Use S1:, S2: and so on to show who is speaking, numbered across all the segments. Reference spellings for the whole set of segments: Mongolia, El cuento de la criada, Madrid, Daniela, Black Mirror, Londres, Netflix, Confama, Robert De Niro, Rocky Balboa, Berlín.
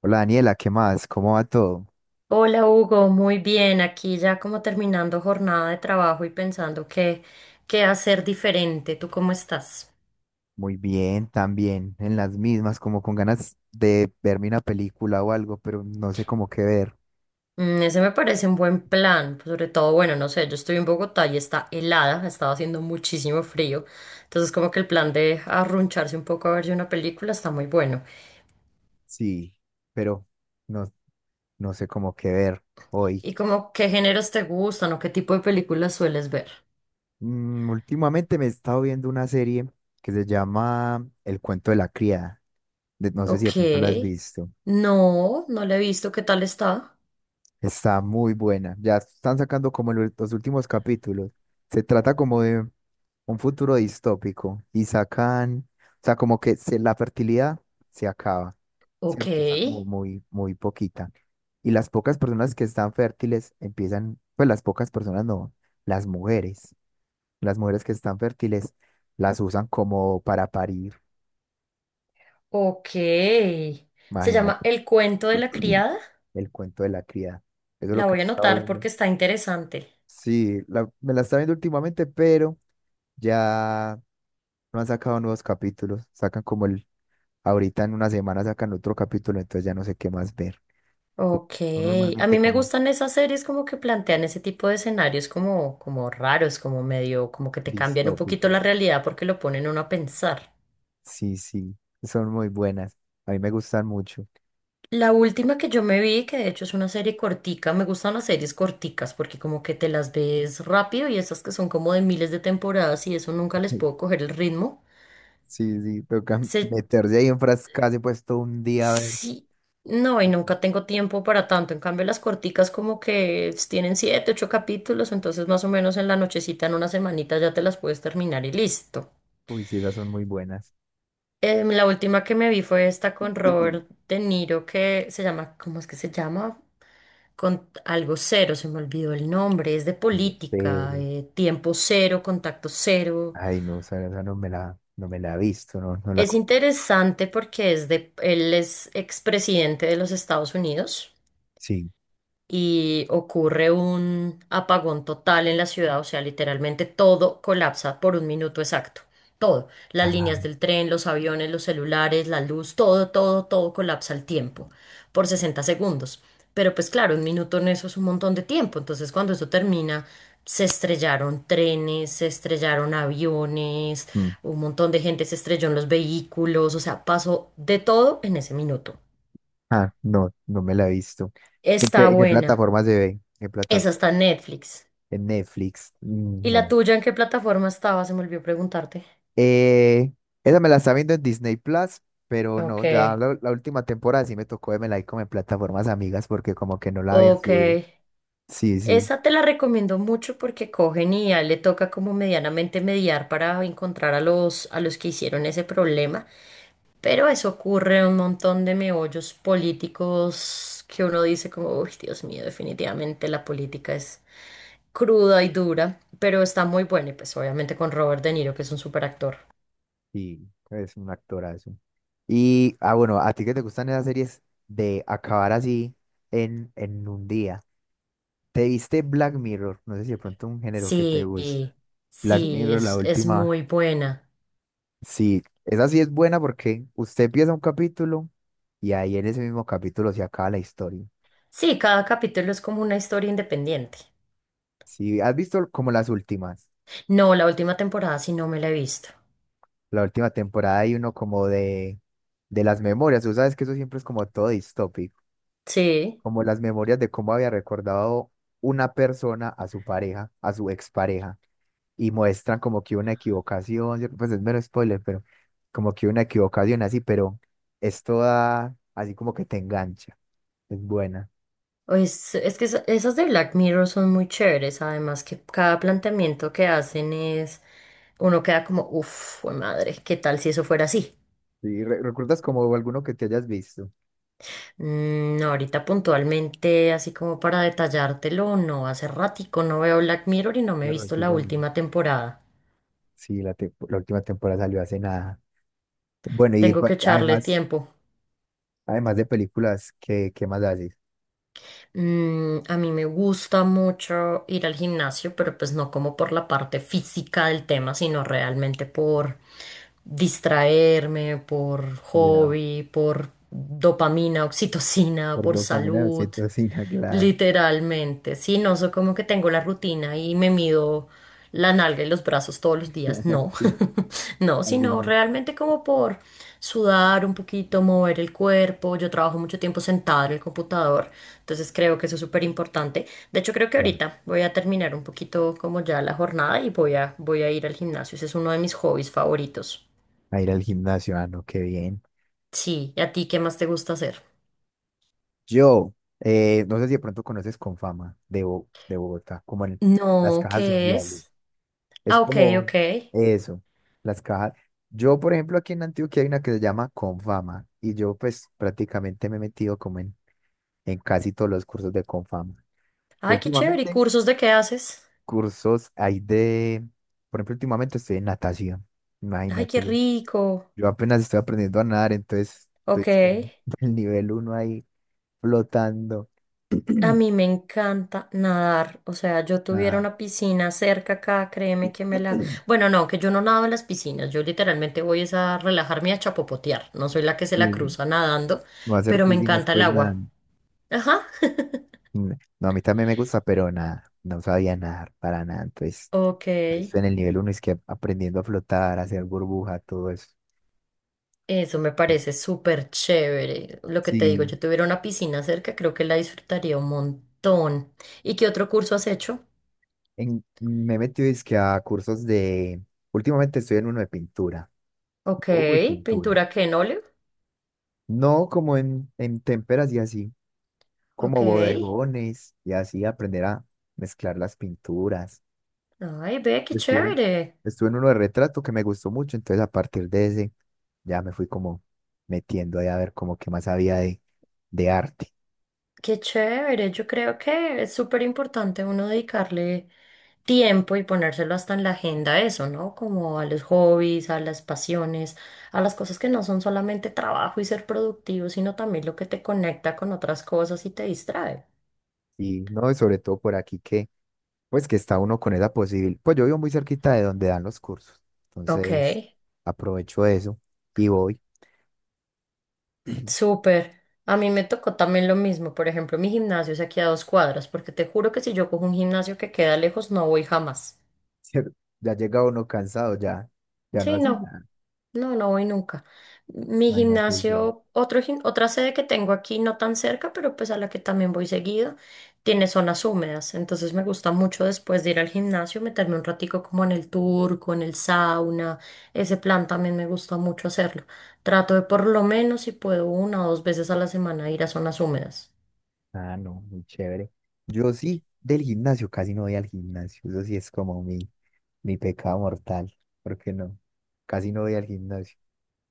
S1: Hola Daniela, ¿qué más? ¿Cómo va todo?
S2: Hola Hugo, muy bien. Aquí ya como terminando jornada de trabajo y pensando qué hacer diferente. ¿Tú cómo estás?
S1: Muy bien, también, en las mismas, como con ganas de verme una película o algo, pero no sé cómo qué ver.
S2: Mm, ese me parece un buen plan. Pues, sobre todo, bueno, no sé, yo estoy en Bogotá y está helada, ha estado haciendo muchísimo frío. Entonces como que el plan de arruncharse un poco a verse una película está muy bueno.
S1: Sí, pero no, no sé cómo qué ver hoy.
S2: ¿Y como qué géneros te gustan o qué tipo de películas sueles ver?
S1: Últimamente me he estado viendo una serie que se llama El cuento de la criada. No sé si de pronto la has
S2: Ok.
S1: visto.
S2: No, no la he visto. ¿Qué tal está?
S1: Está muy buena. Ya están sacando como los últimos capítulos. Se trata como de un futuro distópico. Y sacan, o sea, como que la fertilidad se acaba,
S2: Ok.
S1: ¿cierto? Está como muy, muy poquita. Y las pocas personas que están fértiles empiezan, pues las pocas personas no, las mujeres. Las mujeres que están fértiles las usan como para parir.
S2: Ok. Se llama
S1: Imagínate.
S2: El cuento de la criada.
S1: El cuento de la criada. Eso es lo
S2: La
S1: que
S2: voy
S1: me
S2: a
S1: he estado
S2: anotar
S1: viendo.
S2: porque está interesante.
S1: Sí, me la estaba viendo últimamente, pero ya no han sacado nuevos capítulos. Sacan como el ahorita en una semana sacan otro capítulo, entonces ya no sé qué más ver.
S2: Ok.
S1: Son
S2: A
S1: normalmente
S2: mí me
S1: como
S2: gustan esas series como que plantean ese tipo de escenarios como, como raros, como medio, como que te cambian un poquito
S1: distópicos.
S2: la realidad porque lo ponen uno a pensar.
S1: Sí, sí, son muy buenas. A mí me gustan mucho.
S2: La última que yo me vi, que de hecho es una serie cortica, me gustan las series corticas porque como que te las ves rápido y esas que son como de miles de temporadas y eso nunca les puedo coger el ritmo.
S1: Sí, sí, toca
S2: Se
S1: meterse ahí en frascas y pues todo un día a ver.
S2: sí, no, y nunca tengo tiempo para tanto. En cambio, las corticas como que tienen siete, ocho capítulos, entonces más o menos en la nochecita, en una semanita ya te las puedes terminar y listo.
S1: Uy, sí, esas son muy buenas.
S2: La última que me vi fue esta con
S1: Ujú.
S2: Robert De Niro que se llama, ¿cómo es que se llama? Con algo cero, se me olvidó el nombre, es de
S1: Yo sé.
S2: política, tiempo cero, contacto cero.
S1: Ay, no, esa no me la, no me la he visto, no, no la
S2: Es
S1: con-
S2: interesante porque es de, él es expresidente de los Estados Unidos
S1: Sí.
S2: y ocurre un apagón total en la ciudad, o sea, literalmente todo colapsa por un minuto exacto. Todo, las líneas
S1: Ah,
S2: del tren, los aviones, los celulares, la luz, todo, todo, todo colapsa al tiempo, por 60 segundos. Pero pues claro, un minuto en eso es un montón de tiempo, entonces cuando eso termina, se estrellaron trenes, se estrellaron aviones,
S1: mm.
S2: un montón de gente se estrelló en los vehículos, o sea, pasó de todo en ese minuto.
S1: Ah, no, no me la he visto.
S2: Está
S1: En qué
S2: buena.
S1: plataforma se ve? ¿En qué
S2: Esa
S1: plataforma?
S2: está en Netflix.
S1: En Netflix. Mm,
S2: ¿Y la
S1: no.
S2: tuya en qué plataforma estaba? Se me olvidó preguntarte.
S1: Eh, esa me la está viendo en Disney Plus, pero
S2: Ok.
S1: no, ya la última temporada sí me tocó vermela ahí como en plataformas amigas porque como que no la había
S2: Ok.
S1: subido. Sí, sí,
S2: Esa te la recomiendo mucho porque cogen y ya le toca como medianamente mediar para encontrar a los que hicieron ese problema. Pero eso ocurre en un montón de meollos políticos que uno dice como, uy, Dios mío, definitivamente la política es cruda y dura, pero está muy buena y pues obviamente con Robert De Niro, que es un superactor.
S1: sí, es un actorazo. Y, ah, bueno, a ti que te gustan esas series de acabar así en un día. ¿Te viste Black Mirror? No sé si de pronto un género que te
S2: Sí,
S1: gusta. Black
S2: sí,
S1: Mirror, la
S2: es
S1: última.
S2: muy buena.
S1: Sí, esa sí es buena porque usted empieza un capítulo y ahí en ese mismo capítulo se acaba la historia.
S2: Sí, cada capítulo es como una historia independiente.
S1: Sí, has visto como las últimas,
S2: No, la última temporada sí no me la he visto.
S1: la última temporada hay uno como de las memorias, tú sabes que eso siempre es como todo distópico,
S2: Sí,
S1: como las memorias de cómo había recordado una persona a su pareja, a su expareja, y muestran como que una equivocación, ¿cierto? Pues es mero spoiler, pero como que una equivocación así, pero es toda así como que te engancha, es buena.
S2: es que esa- esas de Black Mirror son muy chéveres, además que cada planteamiento que hacen es, uno queda como, uff, madre, ¿qué tal si eso fuera así?
S1: Sí, ¿recuerdas como alguno que te hayas visto?
S2: Mm, no, ahorita puntualmente, así como para detallártelo, no, hace ratico no veo Black Mirror y no me he
S1: De
S2: visto
S1: Rocky
S2: la
S1: Balboa.
S2: última temporada.
S1: Sí, la, la última temporada salió hace nada. Bueno, y
S2: Tengo que echarle
S1: además...
S2: tiempo.
S1: Además de películas, ¿qué, qué más haces?
S2: Mm, a mí me gusta mucho ir al gimnasio, pero pues no como por la parte física del tema, sino realmente por distraerme, por
S1: Ya,
S2: hobby, por dopamina, oxitocina,
S1: por
S2: por
S1: dopamina,
S2: salud,
S1: oxitocina, claro.
S2: literalmente. Sí, no soy como que tengo la rutina y me mido la nalga y los brazos todos los días, no,
S1: Sí,
S2: no,
S1: así
S2: sino
S1: no.
S2: realmente como por sudar un poquito, mover el cuerpo. Yo trabajo mucho tiempo sentada en el computador. Entonces creo que eso es súper importante. De hecho, creo que
S1: Ya.
S2: ahorita voy a terminar un poquito como ya la jornada y voy a ir al gimnasio. Ese es uno de mis hobbies favoritos.
S1: A ir al gimnasio, ah, no, qué bien.
S2: Sí, ¿y a ti qué más te gusta hacer?
S1: Yo, no sé si de pronto conoces Confama de, de Bogotá, como en las
S2: No,
S1: cajas
S2: ¿qué
S1: sociales.
S2: es?
S1: Es
S2: Ah, ok,
S1: como
S2: ok.
S1: eso, las cajas. Yo, por ejemplo, aquí en Antioquia hay una que se llama Confama y yo pues prácticamente me he metido como en casi todos los cursos de Confama.
S2: Ay, qué chévere. ¿Y
S1: Últimamente
S2: cursos de qué haces?
S1: cursos hay de, por ejemplo, últimamente estoy en natación,
S2: Ay,
S1: imagínate.
S2: qué
S1: Yo
S2: rico.
S1: yo apenas estoy aprendiendo a nadar, entonces estoy
S2: Ok.
S1: es que en el nivel uno ahí flotando.
S2: A mí me encanta nadar, o sea, yo tuviera
S1: Ajá,
S2: una piscina cerca acá, créeme que me la... Bueno, no, que yo no nado en las piscinas, yo literalmente voy es a relajarme y a chapopotear, no soy la que se la
S1: sí,
S2: cruza nadando,
S1: no hacer
S2: pero me
S1: piscinas,
S2: encanta el
S1: pues nada.
S2: agua.
S1: N-
S2: Ajá.
S1: No, a mí también me gusta, pero nada, no sabía nadar para nada. Entonces,
S2: Ok,
S1: ahí estoy en el nivel uno es que aprendiendo a flotar, a hacer burbuja, todo eso.
S2: eso me
S1: Sí,
S2: parece súper chévere. Lo que te digo,
S1: sí,
S2: yo tuviera una piscina cerca, creo que la disfrutaría un montón. ¿Y qué otro curso has hecho?
S1: en, me he metido es que a cursos de, últimamente estoy en uno de pintura,
S2: Ok,
S1: dibujo y pintura.
S2: pintura que en óleo.
S1: No como en témperas y así,
S2: Ok.
S1: como bodegones y así aprender a mezclar las pinturas.
S2: Ay, ve, qué
S1: Estuve,
S2: chévere.
S1: estuve en uno de retrato que me gustó mucho, entonces a partir de ese ya me fui como metiendo ahí a ver como qué más había de arte.
S2: Qué chévere, yo creo que es súper importante uno dedicarle tiempo y ponérselo hasta en la agenda a eso, ¿no? Como a los hobbies, a las pasiones, a las cosas que no son solamente trabajo y ser productivo, sino también lo que te conecta con otras cosas y te distrae.
S1: Y no, y sobre todo por aquí que, pues que está uno con esa posibilidad. Pues yo vivo muy cerquita de donde dan los cursos,
S2: Ok,
S1: entonces aprovecho eso y voy.
S2: súper. A mí me tocó también lo mismo. Por ejemplo, mi gimnasio es aquí a 2 cuadras, porque te juro que si yo cojo un gimnasio que queda lejos, no voy jamás.
S1: Ya llega uno cansado, ya, ya no
S2: Sí,
S1: hace
S2: no.
S1: nada.
S2: No, no voy nunca. Mi
S1: Imagínate. Sí.
S2: gimnasio, otro, gim- otra sede que tengo aquí, no tan cerca, pero pues a la que también voy seguido, tiene zonas húmedas. Entonces me gusta mucho después de ir al gimnasio meterme un ratico como en el turco, en el sauna. Ese plan también me gusta mucho hacerlo. Trato de por lo menos si puedo una o dos veces a la semana ir a zonas húmedas.
S1: Ah, no, muy chévere. Yo sí, del gimnasio, casi no voy al gimnasio. Eso sí es como mi pecado mortal. ¿Por qué no? Casi no voy al gimnasio.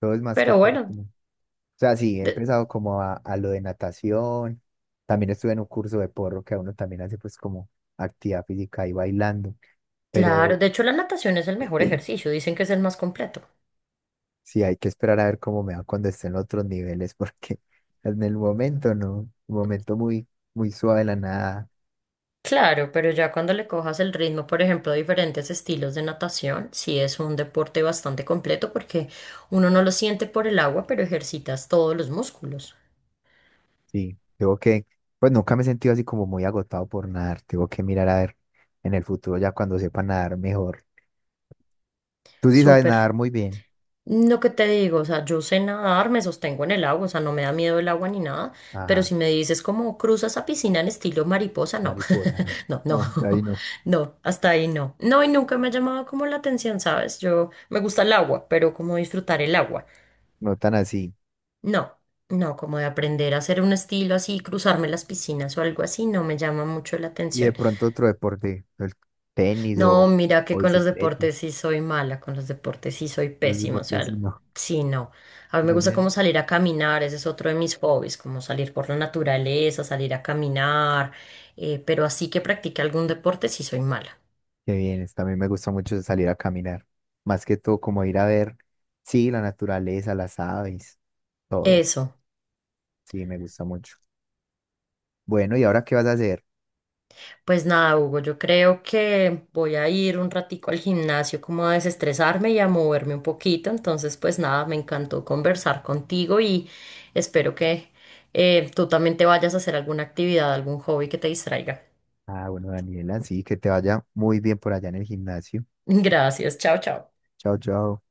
S1: Todo es más que
S2: Pero
S1: todo.
S2: bueno,
S1: O sea, sí, he
S2: de-
S1: empezado como a lo de natación. También estuve en un curso de porro que a uno también hace pues como actividad física y bailando.
S2: claro,
S1: Pero
S2: de hecho la natación es el mejor ejercicio, dicen que es el más completo.
S1: sí, hay que esperar a ver cómo me va cuando esté en otros niveles, porque en el momento no. Un momento muy, muy suave la nada.
S2: Claro, pero ya cuando le cojas el ritmo, por ejemplo, a diferentes estilos de natación, sí es un deporte bastante completo porque uno no lo siente por el agua, pero ejercitas todos los músculos.
S1: Sí, tengo que, pues nunca me he sentido así como muy agotado por nadar. Tengo que mirar a ver en el futuro ya cuando sepa nadar mejor. Tú sí sabes
S2: Súper.
S1: nadar muy bien.
S2: Lo que te digo, o sea, yo sé nadar, me sostengo en el agua, o sea, no me da miedo el agua ni nada, pero
S1: Ajá,
S2: si me dices como cruzas a piscina en estilo mariposa, no,
S1: mariposa.
S2: no, no,
S1: No, hasta ahí no,
S2: no, hasta ahí no. No, y nunca me ha llamado como la atención, ¿sabes? Yo me gusta el agua, pero como disfrutar el agua.
S1: no tan así.
S2: No, no, como de aprender a hacer un estilo así, cruzarme las piscinas o algo así, no me llama mucho la
S1: Y de
S2: atención.
S1: pronto otro deporte, el tenis
S2: No, mira que
S1: o
S2: con los
S1: bicicleta.
S2: deportes sí soy mala, con los deportes sí soy
S1: Los
S2: pésima, o
S1: deportes
S2: sea,
S1: sí, no,
S2: sí, no. A mí me
S1: más
S2: gusta como
S1: bien.
S2: salir a caminar, ese es otro de mis hobbies, como salir por la naturaleza, salir a caminar, pero así que practique algún deporte sí soy mala.
S1: Qué bien, también me gusta mucho salir a caminar. Más que todo, como ir a ver, sí, la naturaleza, las aves, todo.
S2: Eso.
S1: Sí, me gusta mucho. Bueno, ¿y ahora qué vas a hacer?
S2: Pues nada, Hugo, yo creo que voy a ir un ratico al gimnasio como a desestresarme y a moverme un poquito. Entonces, pues nada, me encantó conversar contigo y espero que tú también te vayas a hacer alguna actividad, algún hobby que te distraiga.
S1: Ah, bueno, Daniela, sí, que te vaya muy bien por allá en el gimnasio.
S2: Gracias, chao, chao.
S1: Chao, chao.